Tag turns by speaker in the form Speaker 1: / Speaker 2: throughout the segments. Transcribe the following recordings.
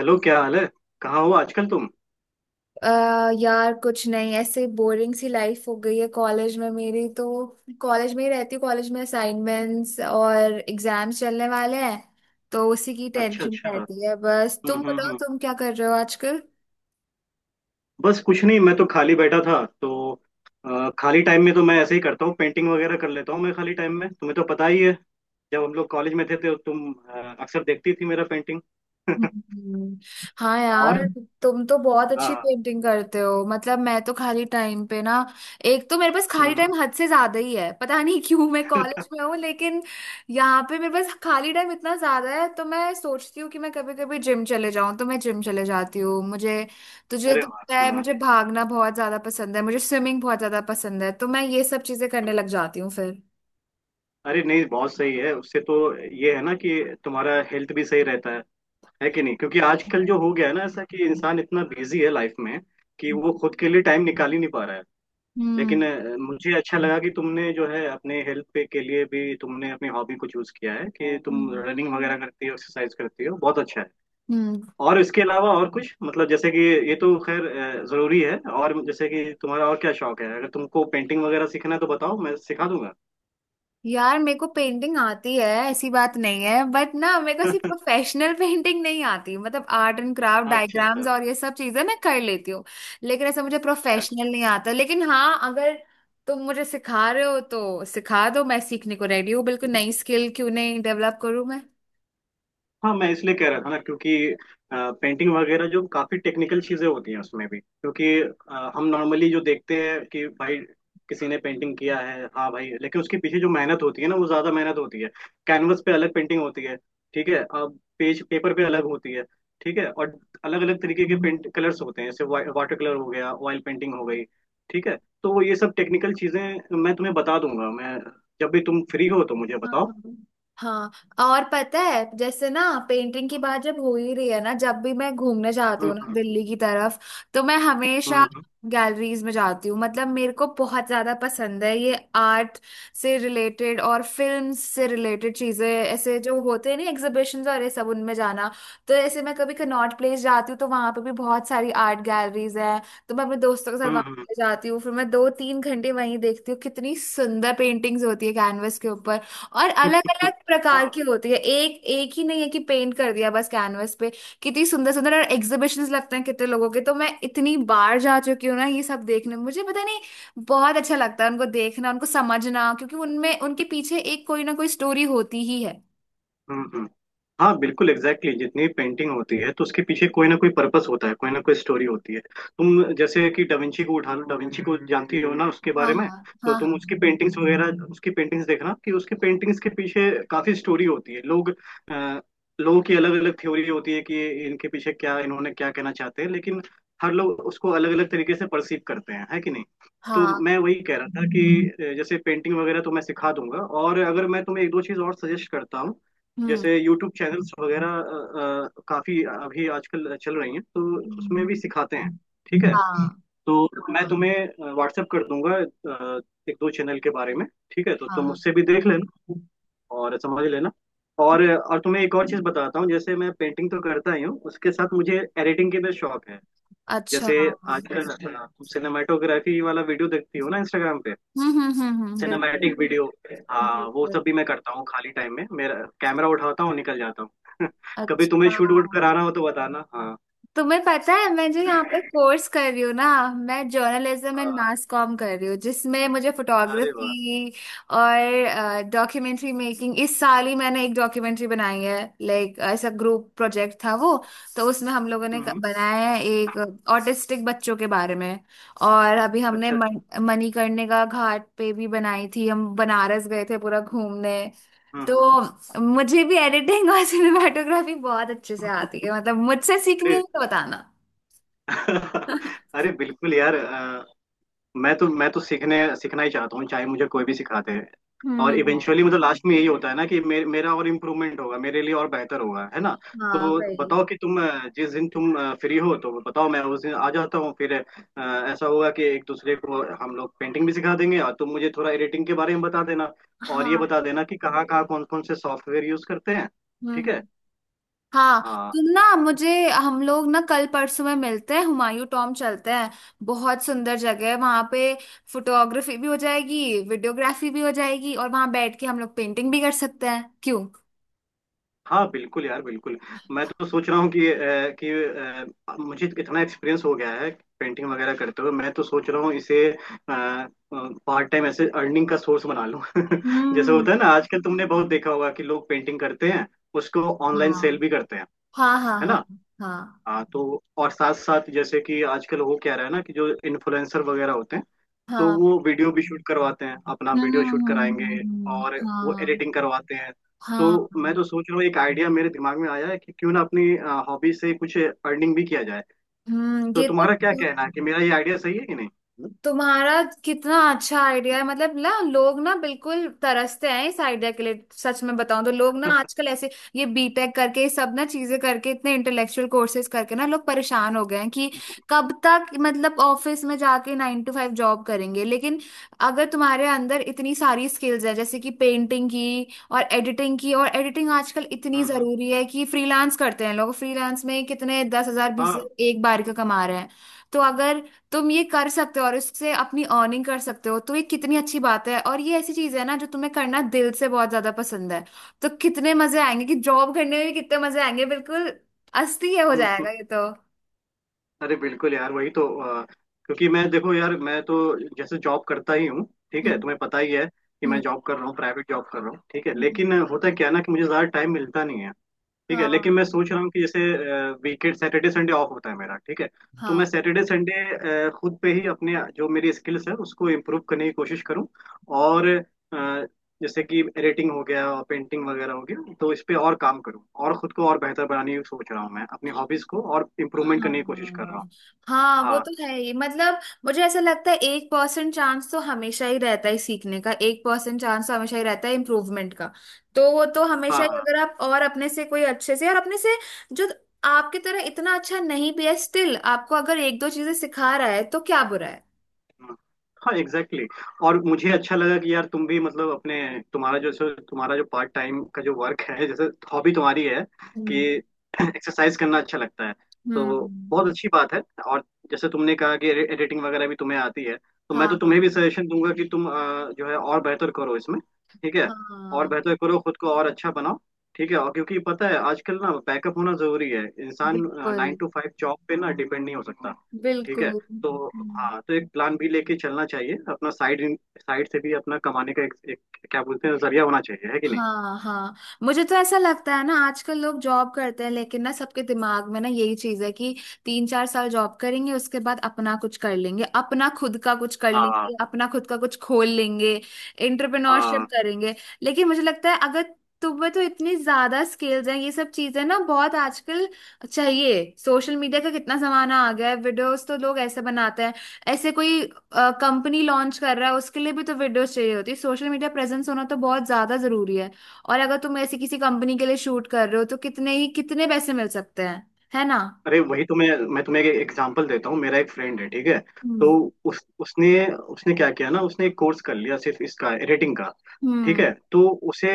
Speaker 1: Hello, क्या हाल है। कहाँ हो आजकल तुम।
Speaker 2: अ यार कुछ नहीं, ऐसे बोरिंग सी लाइफ हो गई है कॉलेज में मेरी तो। कॉलेज में ही रहती हूँ, कॉलेज में असाइनमेंट्स और एग्जाम्स चलने वाले हैं तो उसी की
Speaker 1: अच्छा
Speaker 2: टेंशन
Speaker 1: अच्छा।
Speaker 2: रहती है। बस
Speaker 1: हम्म
Speaker 2: तुम
Speaker 1: हम्म
Speaker 2: बताओ,
Speaker 1: हम्म
Speaker 2: तुम क्या कर रहे हो आजकल।
Speaker 1: बस कुछ नहीं, मैं तो खाली बैठा था तो खाली टाइम में तो मैं ऐसे ही करता हूँ, पेंटिंग वगैरह कर लेता हूँ मैं खाली टाइम में, तुम्हें तो पता ही है। जब हम लोग कॉलेज में थे तो तुम अक्सर देखती थी मेरा पेंटिंग।
Speaker 2: हम्म। हाँ यार,
Speaker 1: और
Speaker 2: तुम तो बहुत अच्छी
Speaker 1: हाँ।
Speaker 2: पेंटिंग करते हो। मतलब मैं तो खाली टाइम पे ना, एक तो मेरे पास
Speaker 1: हम्म
Speaker 2: खाली
Speaker 1: हम्म,
Speaker 2: टाइम हद से ज्यादा ही है। पता नहीं क्यों, मैं कॉलेज में हूँ लेकिन यहाँ पे मेरे पास खाली टाइम इतना ज्यादा है, तो मैं सोचती हूँ कि मैं कभी कभी जिम चले जाऊँ, तो मैं जिम चले जाती हूँ। मुझे तुझे
Speaker 1: अरे
Speaker 2: तो
Speaker 1: वाह,
Speaker 2: पता है,
Speaker 1: हाँ।
Speaker 2: मुझे भागना बहुत ज्यादा पसंद है, मुझे स्विमिंग बहुत ज्यादा पसंद है, तो मैं ये सब चीजें करने
Speaker 1: हम्म।
Speaker 2: लग जाती हूँ फिर।
Speaker 1: अरे नहीं, बहुत सही है, उससे तो ये है ना कि तुम्हारा हेल्थ भी सही रहता है कि नहीं। क्योंकि आजकल जो हो गया है ना ऐसा कि इंसान इतना बिजी है लाइफ में कि वो खुद के लिए टाइम निकाल ही नहीं पा रहा है।
Speaker 2: हम्म,
Speaker 1: लेकिन मुझे अच्छा लगा कि तुमने जो है अपने हेल्थ पे के लिए भी तुमने अपनी हॉबी को चूज किया है, कि तुम
Speaker 2: हम्म,
Speaker 1: रनिंग वगैरह करती हो, एक्सरसाइज करती हो, बहुत अच्छा है।
Speaker 2: हम्म।
Speaker 1: और इसके अलावा और कुछ मतलब, जैसे कि ये तो खैर जरूरी है। और जैसे कि तुम्हारा और क्या शौक है, अगर तुमको पेंटिंग वगैरह सीखना है तो बताओ, मैं सिखा दूंगा।
Speaker 2: यार मेरे को पेंटिंग आती है ऐसी बात नहीं है, बट ना मेरे को सिर्फ प्रोफेशनल पेंटिंग नहीं आती। मतलब आर्ट एंड क्राफ्ट,
Speaker 1: अच्छा
Speaker 2: डायग्राम्स
Speaker 1: अच्छा।
Speaker 2: और ये सब चीजें मैं कर लेती हूँ, लेकिन ऐसा मुझे
Speaker 1: अच्छा,
Speaker 2: प्रोफेशनल नहीं आता। लेकिन हाँ, अगर तुम मुझे सिखा रहे हो तो सिखा दो, मैं सीखने को रेडी हूँ। बिल्कुल, नई स्किल क्यों नहीं डेवलप करूँ मैं।
Speaker 1: हाँ, मैं इसलिए कह रहा था ना, क्योंकि पेंटिंग वगैरह जो काफी टेक्निकल चीजें होती हैं उसमें भी, क्योंकि हम नॉर्मली जो देखते हैं कि भाई किसी ने पेंटिंग किया है, हाँ भाई, लेकिन उसके पीछे जो मेहनत होती है ना, वो ज्यादा मेहनत होती है। कैनवस पे अलग पेंटिंग होती है, ठीक है, अब पेज पेपर पे अलग होती है, ठीक है, और अलग अलग तरीके के पेंट कलर्स होते हैं, जैसे वाटर कलर हो गया, ऑयल पेंटिंग हो गई, ठीक है। तो वो ये सब टेक्निकल चीजें मैं तुम्हें बता दूंगा मैं, जब भी तुम फ्री हो तो मुझे
Speaker 2: हाँ,
Speaker 1: बताओ।
Speaker 2: हाँ, हाँ। और पता है जैसे ना, पेंटिंग की बात जब हो ही रही है ना, जब भी मैं घूमने जाती हूँ
Speaker 1: हम्म
Speaker 2: ना
Speaker 1: हम्म
Speaker 2: दिल्ली की तरफ, तो मैं हमेशा
Speaker 1: हम्म
Speaker 2: गैलरीज में जाती हूँ। मतलब मेरे को बहुत ज्यादा पसंद है ये आर्ट से रिलेटेड और फिल्म से रिलेटेड चीजें, ऐसे जो होते हैं ना एग्जीबिशंस और ये सब, उनमें जाना। तो ऐसे मैं कभी कनॉट प्लेस जाती हूँ, तो वहां पे भी बहुत सारी आर्ट गैलरीज हैं, तो मैं अपने दोस्तों के साथ
Speaker 1: हम्म
Speaker 2: वहां
Speaker 1: हम्म
Speaker 2: जाती हूँ। फिर मैं 2-3 घंटे वहीं देखती हूँ, कितनी सुंदर पेंटिंग्स होती है कैनवस के ऊपर। और अलग अलग प्रकार की
Speaker 1: हाँ।
Speaker 2: होती है, एक एक ही नहीं है कि पेंट कर दिया बस कैनवस पे। कितनी सुंदर सुंदर और एग्जीबिशंस लगते हैं कितने लोगों के, तो मैं इतनी बार जा चुकी हूँ ना ये सब देखने। मुझे पता नहीं, बहुत अच्छा लगता है उनको देखना, उनको समझना, क्योंकि उनमें उनके पीछे एक कोई ना कोई स्टोरी होती ही है।
Speaker 1: हम्म। हम्म। हाँ, बिल्कुल, एग्जैक्टली exactly। जितनी पेंटिंग होती है तो उसके पीछे कोई ना कोई पर्पस होता है, कोई ना कोई स्टोरी होती है। तुम जैसे कि डाविंची को उठा लो, डाविंची को जानती हो ना उसके
Speaker 2: हाँ,
Speaker 1: बारे में।
Speaker 2: हाँ,
Speaker 1: तो
Speaker 2: हाँ,
Speaker 1: तुम
Speaker 2: हाँ,
Speaker 1: उसकी पेंटिंग्स देखना कि उसकी पेंटिंग्स के पीछे काफी स्टोरी होती है। लोग अ, लोगों की अलग अलग थ्योरी होती है कि इनके पीछे क्या, इन्होंने क्या कहना चाहते हैं, लेकिन हर लोग उसको अलग अलग तरीके से परसीव करते हैं, है कि नहीं। तो
Speaker 2: हाँ।
Speaker 1: मैं वही कह रहा था कि जैसे पेंटिंग वगैरह तो मैं सिखा दूंगा, और अगर मैं तुम्हें एक दो चीज और सजेस्ट करता हूँ,
Speaker 2: हम्म,
Speaker 1: जैसे यूट्यूब चैनल्स वगैरह काफी अभी आजकल चल रही हैं, तो उसमें भी
Speaker 2: हम्म।
Speaker 1: सिखाते हैं, ठीक है।
Speaker 2: हाँ,
Speaker 1: तो मैं तुम्हें व्हाट्सएप कर दूंगा एक दो चैनल के बारे में, ठीक है, तो
Speaker 2: हाँ,
Speaker 1: तुम
Speaker 2: हाँ।
Speaker 1: उससे भी देख लेना और समझ लेना। और तुम्हें एक और चीज बताता हूँ, जैसे मैं पेंटिंग तो करता ही हूँ, उसके साथ मुझे एडिटिंग के भी शौक है।
Speaker 2: अच्छा।
Speaker 1: जैसे
Speaker 2: हम्म,
Speaker 1: आजकल तुम सिनेमाटोग्राफी वाला वीडियो देखती हो ना इंस्टाग्राम पे,
Speaker 2: हम्म, हम्म, हम्म, बिल्कुल,
Speaker 1: सिनेमैटिक वीडियो। हाँ वो सब
Speaker 2: बिल्कुल।
Speaker 1: भी मैं करता हूँ, खाली टाइम में मेरा कैमरा उठाता हूँ, निकल जाता हूँ। कभी तुम्हें
Speaker 2: अच्छा।
Speaker 1: शूट वूट कराना हो तो बताना, हाँ।
Speaker 2: तुम्हें पता है मैं जो यहाँ पे कोर्स कर रही हूँ ना, मैं जर्नलिज्म एंड
Speaker 1: हाँ,
Speaker 2: मास कॉम कर रही हूँ, जिसमें मुझे
Speaker 1: अरे वाह।
Speaker 2: फोटोग्राफी और डॉक्यूमेंट्री मेकिंग। इस साल ही मैंने एक डॉक्यूमेंट्री बनाई है, लाइक ऐसा ग्रुप प्रोजेक्ट था वो। तो उसमें हम लोगों ने
Speaker 1: हम्म। हम्म।
Speaker 2: बनाया है एक, ऑटिस्टिक बच्चों के बारे में। और अभी हमने
Speaker 1: अच्छा अच्छा।
Speaker 2: मणिकर्णिका घाट पे भी बनाई थी, हम बनारस गए थे पूरा घूमने।
Speaker 1: हम्म
Speaker 2: तो मुझे भी एडिटिंग और सिनेमाटोग्राफी बहुत अच्छे से
Speaker 1: हम्म।
Speaker 2: आती है, मतलब मुझसे सीखनी
Speaker 1: अरे
Speaker 2: है तो बताना।
Speaker 1: अरे बिल्कुल यार, मैं तो सीखने सीखना ही चाहता हूँ, चाहे मुझे कोई भी सिखाते हैं। और
Speaker 2: हम्म।
Speaker 1: इवेंचुअली मतलब लास्ट में यही होता है ना कि मेरा और इम्प्रूवमेंट होगा, मेरे लिए और बेहतर होगा, है ना।
Speaker 2: हाँ
Speaker 1: तो
Speaker 2: भाई।
Speaker 1: बताओ कि तुम जिस दिन तुम फ्री हो तो बताओ, मैं उस दिन आ जाता हूँ फिर। ऐसा होगा कि एक दूसरे को हम लोग पेंटिंग भी सिखा देंगे और तुम मुझे थोड़ा एडिटिंग के बारे में बता देना, और ये
Speaker 2: हाँ।
Speaker 1: बता देना कि कहाँ कहाँ कौन कौन से सॉफ्टवेयर यूज करते हैं,
Speaker 2: हम्म,
Speaker 1: ठीक है।
Speaker 2: हाँ।
Speaker 1: हाँ,
Speaker 2: तुम ना मुझे हम लोग ना कल परसों में मिलते हैं, हुमायूं टॉम चलते हैं। बहुत सुंदर जगह है वहां पे, फोटोग्राफी भी हो जाएगी, वीडियोग्राफी भी हो जाएगी, और वहां बैठ के हम लोग पेंटिंग भी कर सकते हैं, क्यों।
Speaker 1: हाँ बिल्कुल यार, बिल्कुल। मैं तो सोच रहा हूँ कि मुझे इतना एक्सपीरियंस हो गया है पेंटिंग वगैरह करते हुए, मैं तो सोच रहा हूँ इसे पार्ट टाइम ऐसे अर्निंग का सोर्स बना लूँ। जैसे
Speaker 2: हम्म।
Speaker 1: होता है ना आजकल, तुमने बहुत देखा होगा कि लोग पेंटिंग करते हैं, उसको ऑनलाइन
Speaker 2: हाँ,
Speaker 1: सेल भी करते हैं,
Speaker 2: हाँ, हाँ,
Speaker 1: है
Speaker 2: हाँ,
Speaker 1: ना।
Speaker 2: हाँ,
Speaker 1: हाँ, तो और साथ साथ जैसे कि आजकल हो क्या रहा है ना कि जो इन्फ्लुएंसर वगैरह होते हैं, तो
Speaker 2: हाँ।
Speaker 1: वो वीडियो भी शूट करवाते हैं, अपना
Speaker 2: हम्म,
Speaker 1: वीडियो शूट कराएंगे
Speaker 2: हम्म।
Speaker 1: और वो
Speaker 2: हाँ,
Speaker 1: एडिटिंग करवाते हैं। तो
Speaker 2: हाँ।
Speaker 1: मैं तो सोच रहा हूँ, एक आइडिया मेरे दिमाग में आया है कि क्यों ना अपनी हॉबी से कुछ अर्निंग भी किया जाए।
Speaker 2: हम्म,
Speaker 1: तो
Speaker 2: ये तो।
Speaker 1: तुम्हारा क्या कहना है, कि मेरा ये आइडिया सही है कि नहीं।
Speaker 2: तुम्हारा कितना अच्छा आइडिया है, मतलब ना लोग ना बिल्कुल तरसते हैं इस आइडिया के लिए। सच में बताऊं तो लोग ना आजकल ऐसे ये बीटेक करके, ये सब ना चीजें करके, इतने इंटेलेक्चुअल कोर्सेज करके ना लोग परेशान हो गए हैं कि कब तक, मतलब, ऑफिस में जाके 9 to 5 जॉब करेंगे। लेकिन अगर तुम्हारे अंदर इतनी सारी स्किल्स है जैसे कि पेंटिंग की और एडिटिंग की, और एडिटिंग आजकल इतनी
Speaker 1: हम्म। हम्म।
Speaker 2: जरूरी है कि फ्रीलांस करते हैं लोग, फ्रीलांस में कितने 10,000 बीस
Speaker 1: हाँ।
Speaker 2: हजार एक बार का कमा रहे हैं। तो अगर तुम ये कर सकते हो और इससे अपनी अर्निंग कर सकते हो, तो ये कितनी अच्छी बात है। और ये ऐसी चीज है ना जो तुम्हें करना दिल से बहुत ज्यादा पसंद है, तो कितने मजे आएंगे, कि जॉब करने में भी कितने मजे आएंगे बिल्कुल। अस्थि हो
Speaker 1: हम्म।
Speaker 2: जाएगा ये तो।
Speaker 1: अरे बिल्कुल यार, वही तो। क्योंकि मैं, देखो यार मैं तो जैसे जॉब करता ही हूँ, ठीक है,
Speaker 2: हम्म,
Speaker 1: तुम्हें पता ही है कि मैं
Speaker 2: हम्म,
Speaker 1: जॉब कर रहा हूँ, प्राइवेट जॉब कर रहा हूँ, ठीक है।
Speaker 2: हम्म।
Speaker 1: लेकिन होता क्या है ना कि मुझे ज़्यादा टाइम मिलता नहीं है। ठीक है, लेकिन
Speaker 2: हाँ,
Speaker 1: मैं सोच रहा हूँ कि जैसे वीकेंड, सैटरडे संडे ऑफ होता है मेरा, ठीक है, तो मैं
Speaker 2: हाँ,
Speaker 1: सैटरडे संडे खुद पे ही अपने जो मेरी स्किल्स है उसको इम्प्रूव करने की कोशिश करूँ। और जैसे कि एडिटिंग हो गया और पेंटिंग वगैरह हो गया, तो इस पे और काम करूँ और खुद को और बेहतर बनाने की सोच रहा हूँ, मैं अपनी हॉबीज को और इम्प्रूवमेंट करने की कोशिश कर रहा हूँ।
Speaker 2: हाँ। हाँ वो
Speaker 1: हाँ।
Speaker 2: तो है ही, मतलब मुझे ऐसा लगता है 1% चांस तो हमेशा ही रहता है सीखने का, 1% चांस तो हमेशा ही रहता है इम्प्रूवमेंट का। तो वो तो हमेशा
Speaker 1: हाँ।
Speaker 2: ही,
Speaker 1: हाँ।
Speaker 2: अगर आप और अपने से कोई अच्छे से, और अपने से जो आपकी तरह इतना अच्छा नहीं भी है, स्टिल आपको अगर एक दो चीजें सिखा रहा है तो क्या बुरा है।
Speaker 1: हाँ, एग्जैक्टली exactly। और मुझे अच्छा लगा कि यार तुम भी मतलब अपने तुम्हारा जो तुम्हारा जो पार्ट टाइम का जो वर्क है, जैसे हॉबी तुम्हारी है कि
Speaker 2: हम्म,
Speaker 1: एक्सरसाइज करना अच्छा लगता है, तो
Speaker 2: हम्म।
Speaker 1: बहुत अच्छी बात है। और जैसे तुमने कहा कि एडिटिंग वगैरह भी तुम्हें आती है, तो
Speaker 2: हाँ,
Speaker 1: मैं तो
Speaker 2: हाँ,
Speaker 1: तुम्हें भी सजेशन दूंगा कि तुम जो है, और बेहतर करो इसमें, ठीक है, और
Speaker 2: हाँ,
Speaker 1: बेहतर करो, खुद को और अच्छा बनाओ, ठीक है। और क्योंकि पता है आजकल ना बैकअप होना जरूरी है, इंसान
Speaker 2: बिल्कुल,
Speaker 1: नाइन टू फाइव जॉब पे ना डिपेंड नहीं हो सकता, ठीक है।
Speaker 2: बिल्कुल।
Speaker 1: तो हाँ, तो एक प्लान भी लेके चलना चाहिए अपना, साइड साइड से भी अपना कमाने का एक क्या बोलते हैं जरिया होना चाहिए, है कि नहीं।
Speaker 2: हाँ, हाँ। मुझे तो ऐसा लगता है ना आजकल लोग जॉब करते हैं, लेकिन ना सबके दिमाग में ना यही चीज है कि 3-4 साल जॉब करेंगे, उसके बाद अपना कुछ कर लेंगे, अपना खुद का कुछ कर
Speaker 1: हाँ
Speaker 2: लेंगे, अपना खुद का कुछ खोल लेंगे,
Speaker 1: हाँ।
Speaker 2: एंटरप्रेन्योरशिप करेंगे। लेकिन मुझे लगता है, अगर तुम्हें तो इतनी ज्यादा स्किल्स हैं, ये सब चीजें ना बहुत आजकल चाहिए। सोशल मीडिया का कितना जमाना आ गया है, वीडियोस तो लोग ऐसे बनाते हैं, ऐसे कोई कंपनी लॉन्च कर रहा है उसके लिए भी तो वीडियोस चाहिए होती है। सोशल मीडिया प्रेजेंस होना तो बहुत ज्यादा जरूरी है। और अगर तुम ऐसी किसी कंपनी के लिए शूट कर रहे हो तो कितने ही कितने पैसे मिल सकते हैं, है ना।
Speaker 1: अरे वही तो मैं तुम्हें एक एग्जांपल देता हूँ। मेरा एक फ्रेंड है, ठीक है, तो
Speaker 2: हम्म,
Speaker 1: उस उसने उसने क्या किया ना, उसने एक कोर्स कर लिया सिर्फ इसका रेटिंग का, ठीक
Speaker 2: हम्म।
Speaker 1: है। तो उसे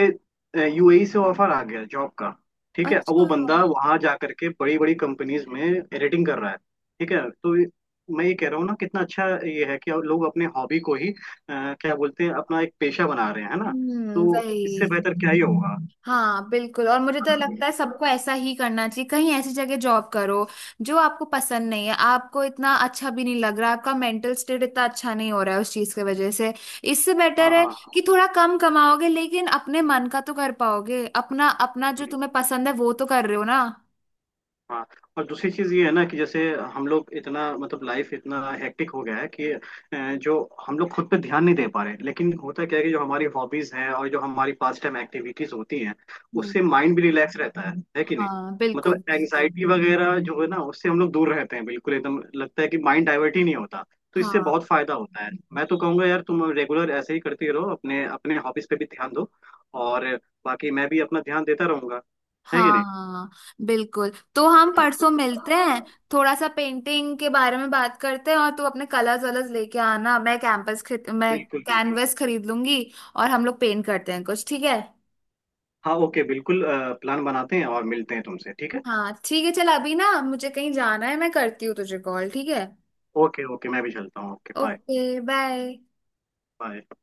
Speaker 1: यूएई से ऑफर आ गया जॉब का, ठीक है। अब
Speaker 2: अच्छा।
Speaker 1: वो बंदा वहां जा करके बड़ी बड़ी कंपनीज में एडिटिंग कर रहा है, ठीक है। तो मैं ये कह रहा हूँ ना कितना अच्छा ये है कि लोग अपने हॉबी को ही क्या बोलते हैं, अपना एक पेशा बना रहे हैं, है ना।
Speaker 2: हम्म,
Speaker 1: तो
Speaker 2: वही।
Speaker 1: इससे बेहतर क्या ही होगा।
Speaker 2: हाँ बिल्कुल, और मुझे तो
Speaker 1: हाँ
Speaker 2: लगता है सबको ऐसा ही करना चाहिए। कहीं ऐसी जगह जॉब करो जो आपको पसंद नहीं है, आपको इतना अच्छा भी नहीं लग रहा, आपका मेंटल स्टेट इतना अच्छा नहीं हो रहा है उस चीज की वजह से। इससे बेटर
Speaker 1: हाँ।
Speaker 2: है
Speaker 1: हाँ।
Speaker 2: कि थोड़ा कम कमाओगे लेकिन अपने मन का तो कर पाओगे, अपना अपना जो तुम्हें पसंद है वो तो कर रहे हो ना।
Speaker 1: हाँ और दूसरी चीज ये है ना कि जैसे हम लोग इतना मतलब लाइफ इतना हेक्टिक हो गया है कि जो हम लोग खुद पे ध्यान नहीं दे पा रहे, लेकिन होता क्या है कि जो हमारी हॉबीज हैं और जो हमारी पास टाइम एक्टिविटीज होती हैं, उससे
Speaker 2: हम्म।
Speaker 1: माइंड भी रिलैक्स रहता है कि नहीं।
Speaker 2: हाँ, बिल्कुल,
Speaker 1: मतलब
Speaker 2: बिल्कुल।
Speaker 1: एंग्जाइटी वगैरह जो है ना उससे हम लोग दूर रहते हैं बिल्कुल, एकदम लगता है कि माइंड डाइवर्ट ही नहीं होता। तो इससे
Speaker 2: हाँ,
Speaker 1: बहुत फायदा होता है, मैं तो कहूंगा यार तुम रेगुलर ऐसे ही करती रहो, अपने अपने हॉबीज पे भी ध्यान दो, और बाकी मैं भी अपना ध्यान देता रहूंगा, है कि नहीं।
Speaker 2: हाँ। बिल्कुल, तो हम परसों मिलते हैं, थोड़ा सा पेंटिंग के बारे में बात करते हैं। और तू अपने कलर्स वलर्स लेके आना, मैं कैंपस खरीद मैं
Speaker 1: बिल्कुल बिल्कुल।
Speaker 2: कैनवस खरीद लूंगी, और हम लोग पेंट करते हैं कुछ, ठीक है।
Speaker 1: हाँ ओके बिल्कुल, प्लान बनाते हैं और मिलते हैं तुमसे, ठीक है।
Speaker 2: हाँ ठीक है, चल अभी ना मुझे कहीं जाना है, मैं करती हूँ तुझे कॉल। ठीक है,
Speaker 1: ओके ओके, मैं भी चलता हूँ, okay bye.
Speaker 2: Okay bye.
Speaker 1: Bye.